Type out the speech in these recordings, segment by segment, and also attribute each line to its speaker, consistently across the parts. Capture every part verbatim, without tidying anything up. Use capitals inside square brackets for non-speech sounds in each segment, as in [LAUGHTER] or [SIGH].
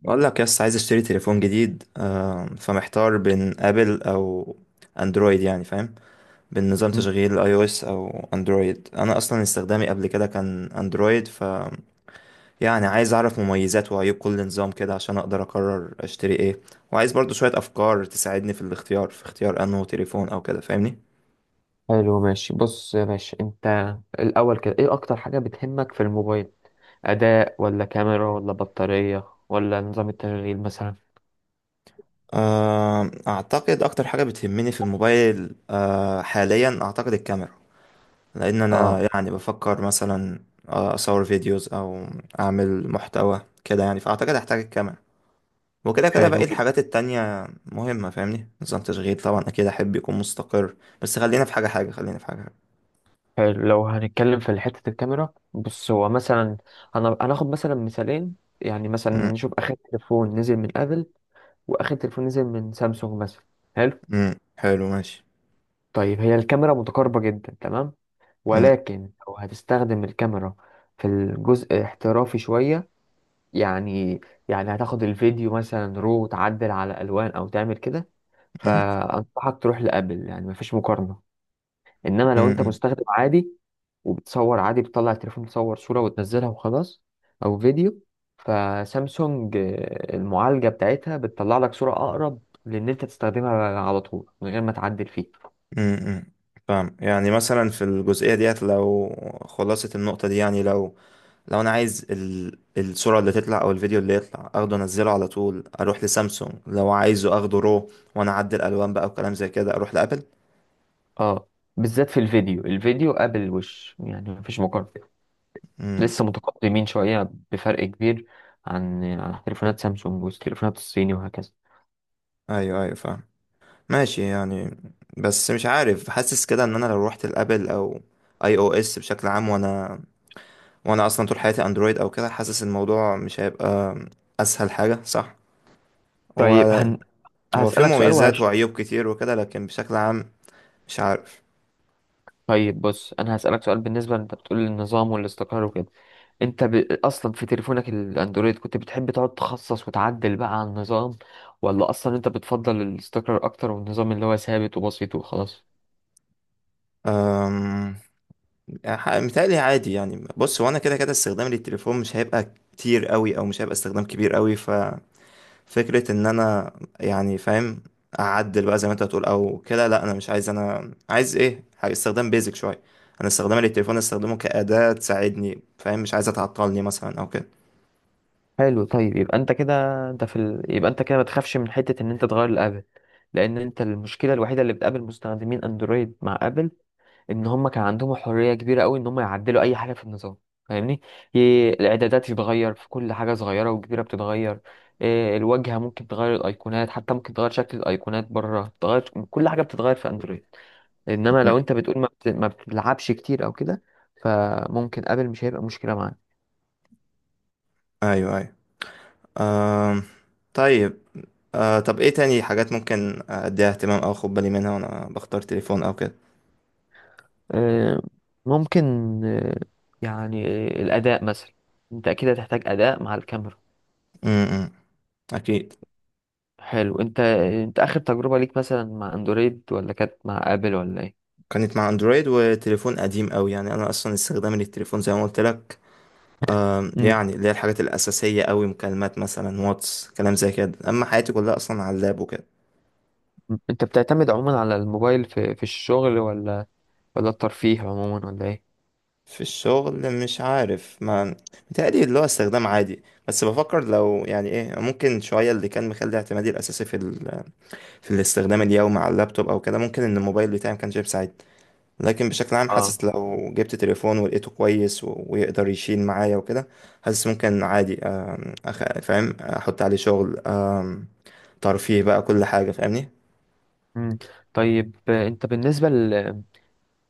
Speaker 1: بقول لك يس عايز اشتري تليفون جديد آم، فمحتار بين ابل او اندرويد، يعني فاهم، بين نظام
Speaker 2: مم.
Speaker 1: تشغيل اي او اس او اندرويد. انا اصلا استخدامي قبل كده كان اندرويد، ف يعني عايز اعرف مميزات وعيوب كل نظام كده عشان اقدر اقرر اشتري ايه، وعايز برضو شوية افكار تساعدني في الاختيار في اختيار انه تليفون او كده، فاهمني.
Speaker 2: حلو ماشي، بص يا باشا، انت الاول كده ايه اكتر حاجة بتهمك في الموبايل؟ اداء ولا كاميرا ولا بطارية ولا نظام التشغيل مثلا؟
Speaker 1: آم، اعتقد اكتر حاجة بتهمني في الموبايل آه، حاليا اعتقد الكاميرا، لان
Speaker 2: اه.
Speaker 1: انا يعني بفكر مثلا آه، اصور فيديوز او اعمل محتوى كده، يعني فاعتقد هحتاج الكاميرا، وكده كده باقي
Speaker 2: حلو
Speaker 1: الحاجات التانية مهمة فاهمني. نظام تشغيل طبعا اكيد احب يكون مستقر. بس خلينا في حاجة حاجة خلينا في حاجة حاجة.
Speaker 2: حلو لو هنتكلم في حتة الكاميرا، بص هو مثلا انا هناخد مثلا مثالين، يعني مثلا
Speaker 1: م-
Speaker 2: نشوف اخر تليفون نزل من ابل واخر تليفون نزل من سامسونج مثلا. حلو.
Speaker 1: م. حلو ماشي.
Speaker 2: طيب هي الكاميرا متقاربة جدا تمام،
Speaker 1: م-،
Speaker 2: ولكن لو هتستخدم الكاميرا في الجزء احترافي شوية، يعني يعني هتاخد الفيديو مثلا رو وتعدل على الوان او تعمل كده،
Speaker 1: م-،
Speaker 2: فانصحك تروح لابل، يعني مفيش مقارنه. انما
Speaker 1: م-،
Speaker 2: لو انت
Speaker 1: م-،
Speaker 2: مستخدم عادي وبتصور عادي، بتطلع التليفون تصور صوره وتنزلها وخلاص، او فيديو، فسامسونج آه، المعالجه بتاعتها بتطلع لك صوره اقرب، لان انت تستخدمها على طول من غير ما تعدل فيه.
Speaker 1: م-، م. فاهم، يعني مثلا في الجزئية ديت، لو خلاصة النقطة دي، يعني لو لو انا عايز ال... الصورة اللي تطلع او الفيديو اللي يطلع اخده انزله على طول، اروح لسامسونج. لو عايزه اخده رو وانا اعدل الالوان بقى وكلام زي كده، اروح لابل.
Speaker 2: اه، بالذات في الفيديو. الفيديو قبل الوش يعني مفيش مقارنه،
Speaker 1: امم.
Speaker 2: لسه متقدمين شوية بفرق كبير عن عن تليفونات سامسونج والتليفونات الصيني وهكذا.
Speaker 1: ايوه، ايوه، فاهم. ماشي يعني. بس مش عارف، حاسس كده ان انا لو روحت لابل او اي او اس بشكل عام، وانا وانا اصلا طول حياتي اندرويد او كده، حاسس الموضوع مش هيبقى اسهل حاجة، صح؟ هو
Speaker 2: طيب هن...
Speaker 1: هو في
Speaker 2: هسألك سؤال
Speaker 1: مميزات
Speaker 2: وهش
Speaker 1: وعيوب كتير وكده، لكن بشكل عام مش عارف.
Speaker 2: طيب، بص أنا هسألك سؤال، بالنسبة أنت بتقول النظام والاستقرار وكده. أنت ب... أصلا في تليفونك الأندرويد كنت بتحب تقعد تخصص وتعدل بقى على النظام، ولا أصلا أنت بتفضل الاستقرار أكتر، والنظام اللي هو ثابت وبسيط وخلاص؟
Speaker 1: أم... يعني ح- متهيألي عادي يعني. بص، هو انا كده كده استخدامي للتليفون مش هيبقى كتير قوي، او مش هيبقى استخدام كبير قوي، ففكرة ان انا يعني فاهم اعدل بقى زي ما انت هتقول او كده، لا انا مش عايز. انا عايز ايه، حاجة- استخدام بيزك شوية. انا استخدامي للتليفون استخدمه كأداة تساعدني، فاهم، مش عايزة تعطلني مثلا او كده.
Speaker 2: حلو. طيب يبقى أنت كده، أنت في ال... يبقى أنت كده ما تخافش من حتة إن أنت تغير الآبل، لأن أنت المشكلة الوحيدة اللي بتقابل مستخدمين أندرويد مع آبل، ان هم كان عندهم حريه كبيره قوي ان هم يعدلوا اي حاجه في النظام، فاهمني؟ ي- الاعدادات تتغير، في كل حاجه صغيره وكبيره بتتغير. إيه، الواجهه ممكن تغير الايقونات، حتى ممكن تغير شكل الايقونات بره، تغير كل حاجه بتتغير في اندرويد. انما
Speaker 1: م.
Speaker 2: لو انت بتقول ما, بت... ما بتلعبش كتير او كده، فممكن ابل مش هيبقى مشكله معاك.
Speaker 1: ايوه، ايوه. آم. طيب. آه طب ايه تاني حاجات ممكن اديها اهتمام او اخد بالي منها وانا بختار تليفون او كده؟
Speaker 2: إيه، ممكن، إيه، يعني آه، الاداء مثلا، انت اكيد هتحتاج اداء مع الكاميرا.
Speaker 1: م-، م. اكيد.
Speaker 2: حلو. انت انت اخر تجربه ليك مثلا مع اندرويد، ولا كانت مع ابل، ولا ايه؟
Speaker 1: كانت مع اندرويد، وتليفون قديم قوي يعني. انا اصلا استخدامي للتليفون زي ما قلت لك، آم،
Speaker 2: مم.
Speaker 1: يعني اللي هي الحاجات الاساسيه قوي، مكالمات مثلا، واتس، كلام زي كده، اما حياتي كلها اصلا على اللاب وكده.
Speaker 2: مم. انت بتعتمد عموما على الموبايل في في الشغل، ولا ولا الترفيه عموما، ولا ايه؟
Speaker 1: في الشغل مش عارف، ما متهيألي اللي هو استخدام عادي، بس بفكر لو يعني ايه ممكن شويه اللي كان مخلي اعتمادي الاساسي في ال... في الاستخدام اليومي على اللابتوب او كده، ممكن ان الموبايل بتاعي ما كانش بيساعدني. لكن بشكل عام
Speaker 2: اه.
Speaker 1: حاسس لو جبت تليفون ولقيته كويس و- ويقدر يشيل معايا وكده، حاسس ممكن عادي آم، أخ... فاهم احط عليه شغل، آم، ترفيه بقى، كل حاجة فاهمني.
Speaker 2: مم. طيب آه، انت بالنسبة لل-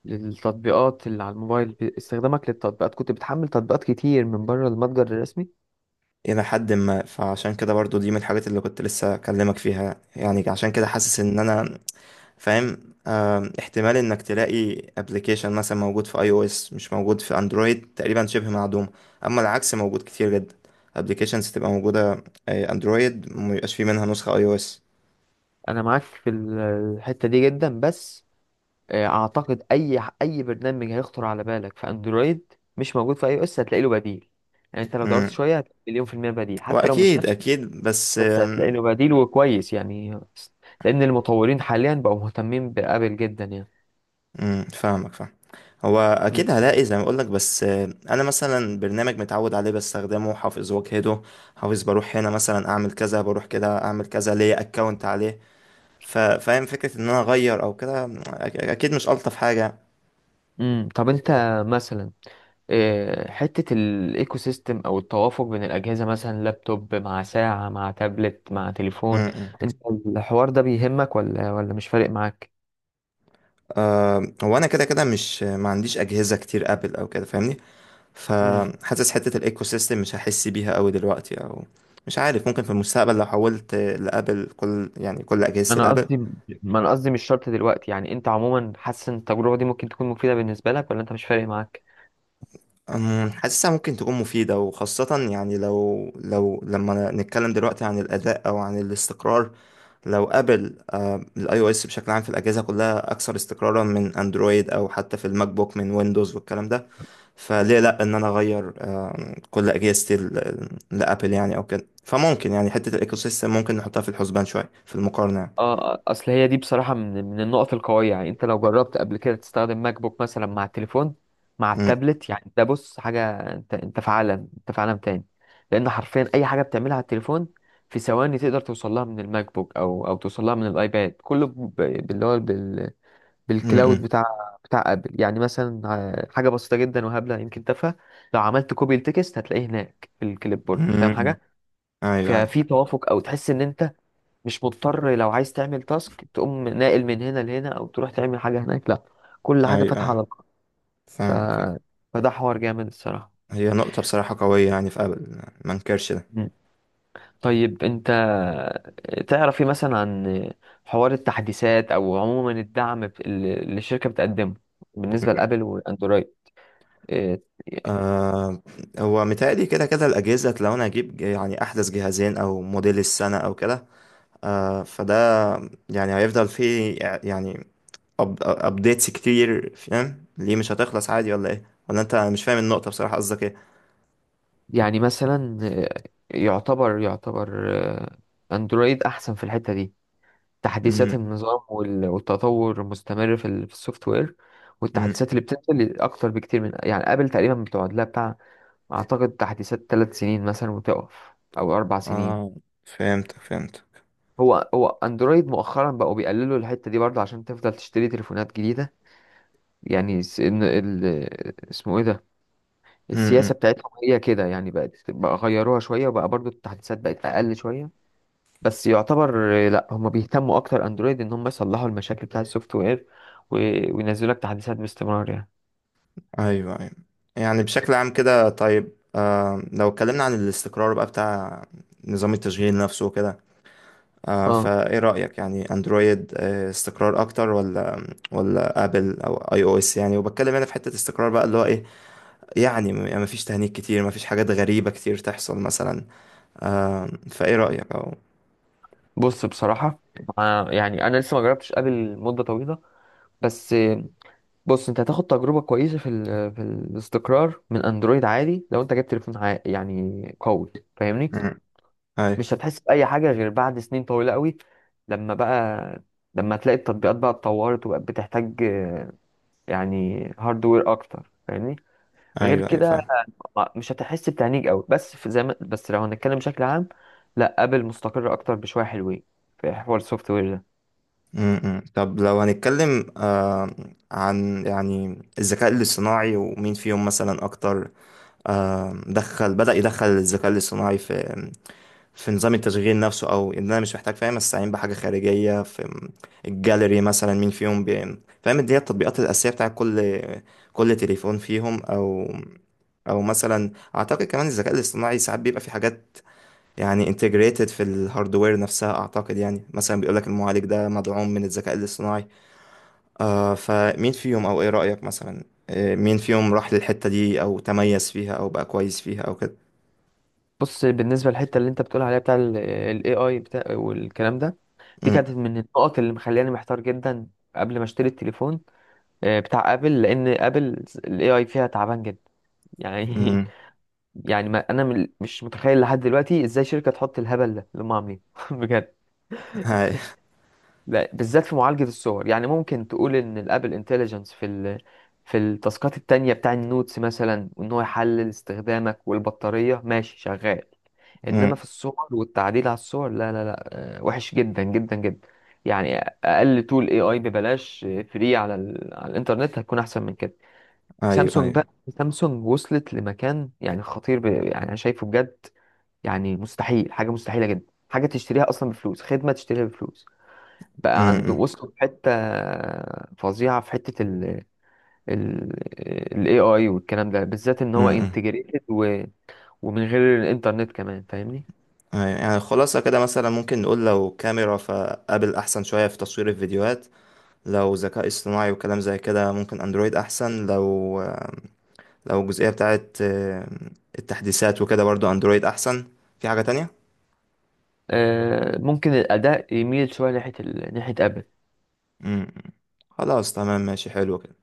Speaker 2: للتطبيقات اللي على الموبايل، ب- استخدامك للتطبيقات، كنت بتحمل تطبيقات كتير من بره المتجر الرسمي؟
Speaker 1: الى حد ما، فعشان كده برضو دي من الحاجات اللي كنت لسه اكلمك فيها، يعني عشان كده حاسس ان انا فاهم آم، احتمال انك تلاقي ابلكيشن مثلا موجود في اي او اس مش موجود في اندرويد تقريبا شبه معدوم، اما العكس موجود كتير جدا، ابلكيشنز تبقى موجودة آه، اندرويد ميبقاش فيه منها نسخة اي او اس.
Speaker 2: انا معاك في ال- الحتة دي جدا، بس آه، اعتقد اي ح- اي برنامج هيخطر على بالك في اندرويد مش موجود في اي او اس هتلاقي له بديل، يعني انت لو دورت شوية هتلاقي مليون في المية بديل،
Speaker 1: هو
Speaker 2: حتى لو مش
Speaker 1: اكيد
Speaker 2: نفسه
Speaker 1: اكيد، بس
Speaker 2: بس هتلاقي له
Speaker 1: آم،
Speaker 2: بديل وكويس يعني، لأن المطورين حاليا بقوا مهتمين بآبل جدا يعني.
Speaker 1: مم، فاهمك فاهم. هو
Speaker 2: مم.
Speaker 1: اكيد هلاقي زي ما اقولك، بس آم، انا مثلا برنامج متعود عليه بستخدمه حافظ واجهده، حافظ بروح هنا مثلا اعمل كذا، بروح كده اعمل كذا، ليا اكونت عليه، ف- فاهم، فكرة ان انا اغير او كده أك- اكيد مش الطف حاجة.
Speaker 2: مم. طب أنت مثلا، آه، حتة الإيكو سيستم أو التوافق بين الأجهزة، مثلا لابتوب مع ساعة مع تابلت مع تليفون،
Speaker 1: مم، مم.
Speaker 2: أنت الحوار ده بيهمك ولا ولا مش فارق معاك؟
Speaker 1: آم، هو انا كده كده مش، ما عنديش اجهزة كتير ابل او كده فاهمني،
Speaker 2: مم.
Speaker 1: فحاسس حتة الايكو سيستم مش هحس بيها قوي دلوقتي، او مش عارف. ممكن في المستقبل لو حولت لابل كل، يعني كل اجهزة
Speaker 2: أنا
Speaker 1: الابل.
Speaker 2: قصدي، ما أنا قصدي مش شرط دلوقتي، يعني أنت عموما حاسس إن التجربة دي ممكن تكون مفيدة بالنسبة لك، ولا أنت مش فارق معاك؟
Speaker 1: أم، حاسسها ممكن تكون مفيدة، وخاصة يعني لو لو لما نتكلم دلوقتي عن الأداء أو عن الاستقرار. لو أبل، الاي او اس بشكل عام في الأجهزة كلها أكثر استقرارا من أندرويد، أو حتى في الماك بوك من ويندوز والكلام ده، فليه لأ إن أنا أغير كل اجهزه ال- لابل يعني او كده. فممكن يعني حته الايكو سيستم ممكن نحطها في الحسبان شويه في المقارنه يعني.
Speaker 2: اه، اصل هي دي بصراحة من من النقط القوية، يعني انت لو جربت قبل كده تستخدم ماك بوك مثلا مع التليفون مع
Speaker 1: امم.
Speaker 2: التابلت، يعني ده بص حاجة، انت انت في عالم، انت في عالم تاني. لان حرفيا اي حاجة بتعملها على التليفون في ثواني تقدر توصلها من الماك بوك، او او توصلها من الايباد، كله ب- باللي هو بال بالكلاود
Speaker 1: امم.
Speaker 2: بتاع بتاع ابل يعني. مثلا آه، حاجة بسيطة جدا وهبلة يمكن تافهة، لو عملت كوبي التكست هتلاقيه هناك في الكليب بورد، فاهم
Speaker 1: امم.
Speaker 2: حاجة؟
Speaker 1: ايوه، ايوه.
Speaker 2: ففي توافق، او تحس ان انت مش مضطر، لو عايز تعمل تاسك تقوم ناقل من هنا لهنا او تروح تعمل حاجه هناك، لا كل
Speaker 1: ايوه،
Speaker 2: حاجه فاتحه
Speaker 1: ايوه،
Speaker 2: على بعض. ف...
Speaker 1: فاهمك فاهم.
Speaker 2: فده حوار جامد الصراحه.
Speaker 1: هي نقطه بصراحه قويه يعني في ابل، ما انكرش ده.
Speaker 2: مم. طيب انت تعرف ايه مثلا عن حوار التحديثات، او عموما الدعم ب- اللي الشركه بتقدمه بالنسبه لابل واندرويد؟ إيه،
Speaker 1: آه هو متهيألي كده كده الاجهزه، لو انا اجيب يعني احدث جهازين او موديل السنه او كده، آه فده يعني هيفضل فيه، يعني أب ابديتس كتير، فاهم، ليه مش هتخلص؟ عادي ولا ايه؟ ولا انت مش فاهم النقطه بصراحه؟ قصدك
Speaker 2: يعني مثلا، إيه، يعتبر يعتبر آه، اندرويد احسن في الحته دي، تحديثات
Speaker 1: ايه؟
Speaker 2: النظام وال- والتطور المستمر في ال- في السوفت وير،
Speaker 1: امم.
Speaker 2: والتحديثات اللي بتنزل اكتر بكتير من يعني ابل. تقريبا بتقعد لها بتاع، اعتقد تحديثات ثلاث سنين مثلا وتقف، او اربع
Speaker 1: اه،
Speaker 2: سنين.
Speaker 1: فهمتك فهمتك.
Speaker 2: هو هو اندرويد مؤخرا بقوا بيقللوا الحته دي برضه، عشان تفضل تشتري تليفونات جديده، يعني س- إن ال... اسمه ايه ده، السياسه
Speaker 1: امم.
Speaker 2: بتاعتهم هي كده يعني، بقت، بقى غيروها شويه، وبقى برضه التحديثات بقت اقل شويه. بس يعتبر آه، لا هم بيهتموا اكتر اندرويد ان هم يصلحوا المشاكل بتاعه السوفت وير، و- وينزلوا لك تحديثات باستمرار يعني.
Speaker 1: ايوه، ايوه. يعني بشكل عام كده. طيب، آه لو اتكلمنا عن الاستقرار بقى بتاع نظام التشغيل نفسه وكده، آه
Speaker 2: اه.
Speaker 1: فايه رأيك؟ يعني اندرويد آه استقرار اكتر، ولا ولا ابل او اي او اس يعني؟ وبتكلم هنا في حتة استقرار بقى، اللي هو ايه، يعني ما فيش تهنيك كتير، ما فيش حاجات غريبة كتير تحصل مثلا. آم، فايه رأيك او.
Speaker 2: بص بصراحه، آه، يعني انا لسه ما جربتش ابل مده طويله، بس آه، بص انت هتاخد تجربه كويسه في ال- في الاستقرار من اندرويد عادي، لو انت جبت تليفون عا- يعني قوي، فاهمني؟
Speaker 1: امم.
Speaker 2: مش
Speaker 1: ايوه،
Speaker 2: هتحس باي حاجه غير بعد سنين طويله قوي، لما بقى لما تلاقي التطبيقات بقى اتطورت وبقت بتحتاج آه، يعني هاردوير اكتر، فاهمني؟ غير
Speaker 1: ايوه، ايوه،
Speaker 2: كده
Speaker 1: فاهم.
Speaker 2: ما- مش هتحس بتعنيج قوي، بس في زي ما، بس لو هنتكلم بشكل عام، لا ابل مستقر اكتر بشويه حلوين في حوار السوفت وير ده.
Speaker 1: امم. طب لو هنتكلم آه عن يعني الذكاء الاصطناعي، ومين فيهم مثلا اكتر؟ آم، دخل بدأ يدخل الذكاء الاصطناعي في في نظام التشغيل نفسه، او ان انا مش محتاج، فاهم، استعين بحاجة خارجية في الجاليري مثلا. مين فيهم بي- فاهم، دي هي التطبيقات الأساسية بتاع كل كل تليفون فيهم. او او مثلا اعتقد كمان الذكاء الاصطناعي ساعات بيبقى في حاجات يعني انتجريتد في الهاردوير نفسها، اعتقد يعني مثلا بيقولك المعالج ده مدعوم من الذكاء الاصطناعي. آه فمين فيهم، او ايه رأيك مثلا؟ آه مين فيهم راح للحتة دي، او تميز فيها، او بقى كويس فيها او كده؟
Speaker 2: بص بالنسبه للحته اللي انت بتقول عليها بتاع الاي اي بتاع والكلام ده، دي
Speaker 1: أمم،
Speaker 2: كانت من النقط اللي مخلياني محتار جدا قبل ما اشتري التليفون، آه، بتاع ابل، لان ابل الاي اي فيها تعبان جدا يعني.
Speaker 1: أمم،
Speaker 2: [LAUGHS] يعني ما انا من- مش متخيل لحد دلوقتي ازاي شركه تحط الهبل ده اللي هم عاملينه، [LAUGHS] بجد.
Speaker 1: هاي،
Speaker 2: لا، بالذات في معالجة الصور، يعني ممكن تقول ان الابل انتليجنس في ال... في التاسكات التانية بتاع النوتس مثلا، وان هو يحلل استخدامك والبطارية، ماشي شغال، انما
Speaker 1: أمم،
Speaker 2: في الصور والتعديل على الصور لا لا لا. آه، وحش جدا جدا جدا يعني، اقل تول اي اي ببلاش فري على ال... على الانترنت هتكون احسن من كده.
Speaker 1: ايوه،
Speaker 2: سامسونج
Speaker 1: ايوه،
Speaker 2: بقى، سامسونج وصلت لمكان يعني خطير، ب... يعني انا شايفه بجد، يعني مستحيل، حاجة مستحيلة جدا حاجة تشتريها اصلا بفلوس، خدمة تشتريها بفلوس بقى عنده،
Speaker 1: أمم،
Speaker 2: وصلوا في حتة فظيعة في حتة ال ال ال إيه آي والكلام ده، بالذات ان
Speaker 1: أمم،
Speaker 2: هو
Speaker 1: أمم،
Speaker 2: انتجريتد و... ومن غير الانترنت كمان، فاهمني؟
Speaker 1: أيوة. يعني خلاصة كده مثلا ممكن نقول، لو كاميرا فابل احسن شوية في تصوير الفيديوهات، لو ذكاء اصطناعي وكلام زي كده ممكن اندرويد احسن، لو آه، لو الجزئية بتاعت آه، التحديثات وكده برضو اندرويد احسن. في حاجة تانية؟
Speaker 2: آه، ممكن الأداء يميل شوية ناحية ال... ناحية أبل.
Speaker 1: أمم، خلاص، تمام، ماشي، حلو كده.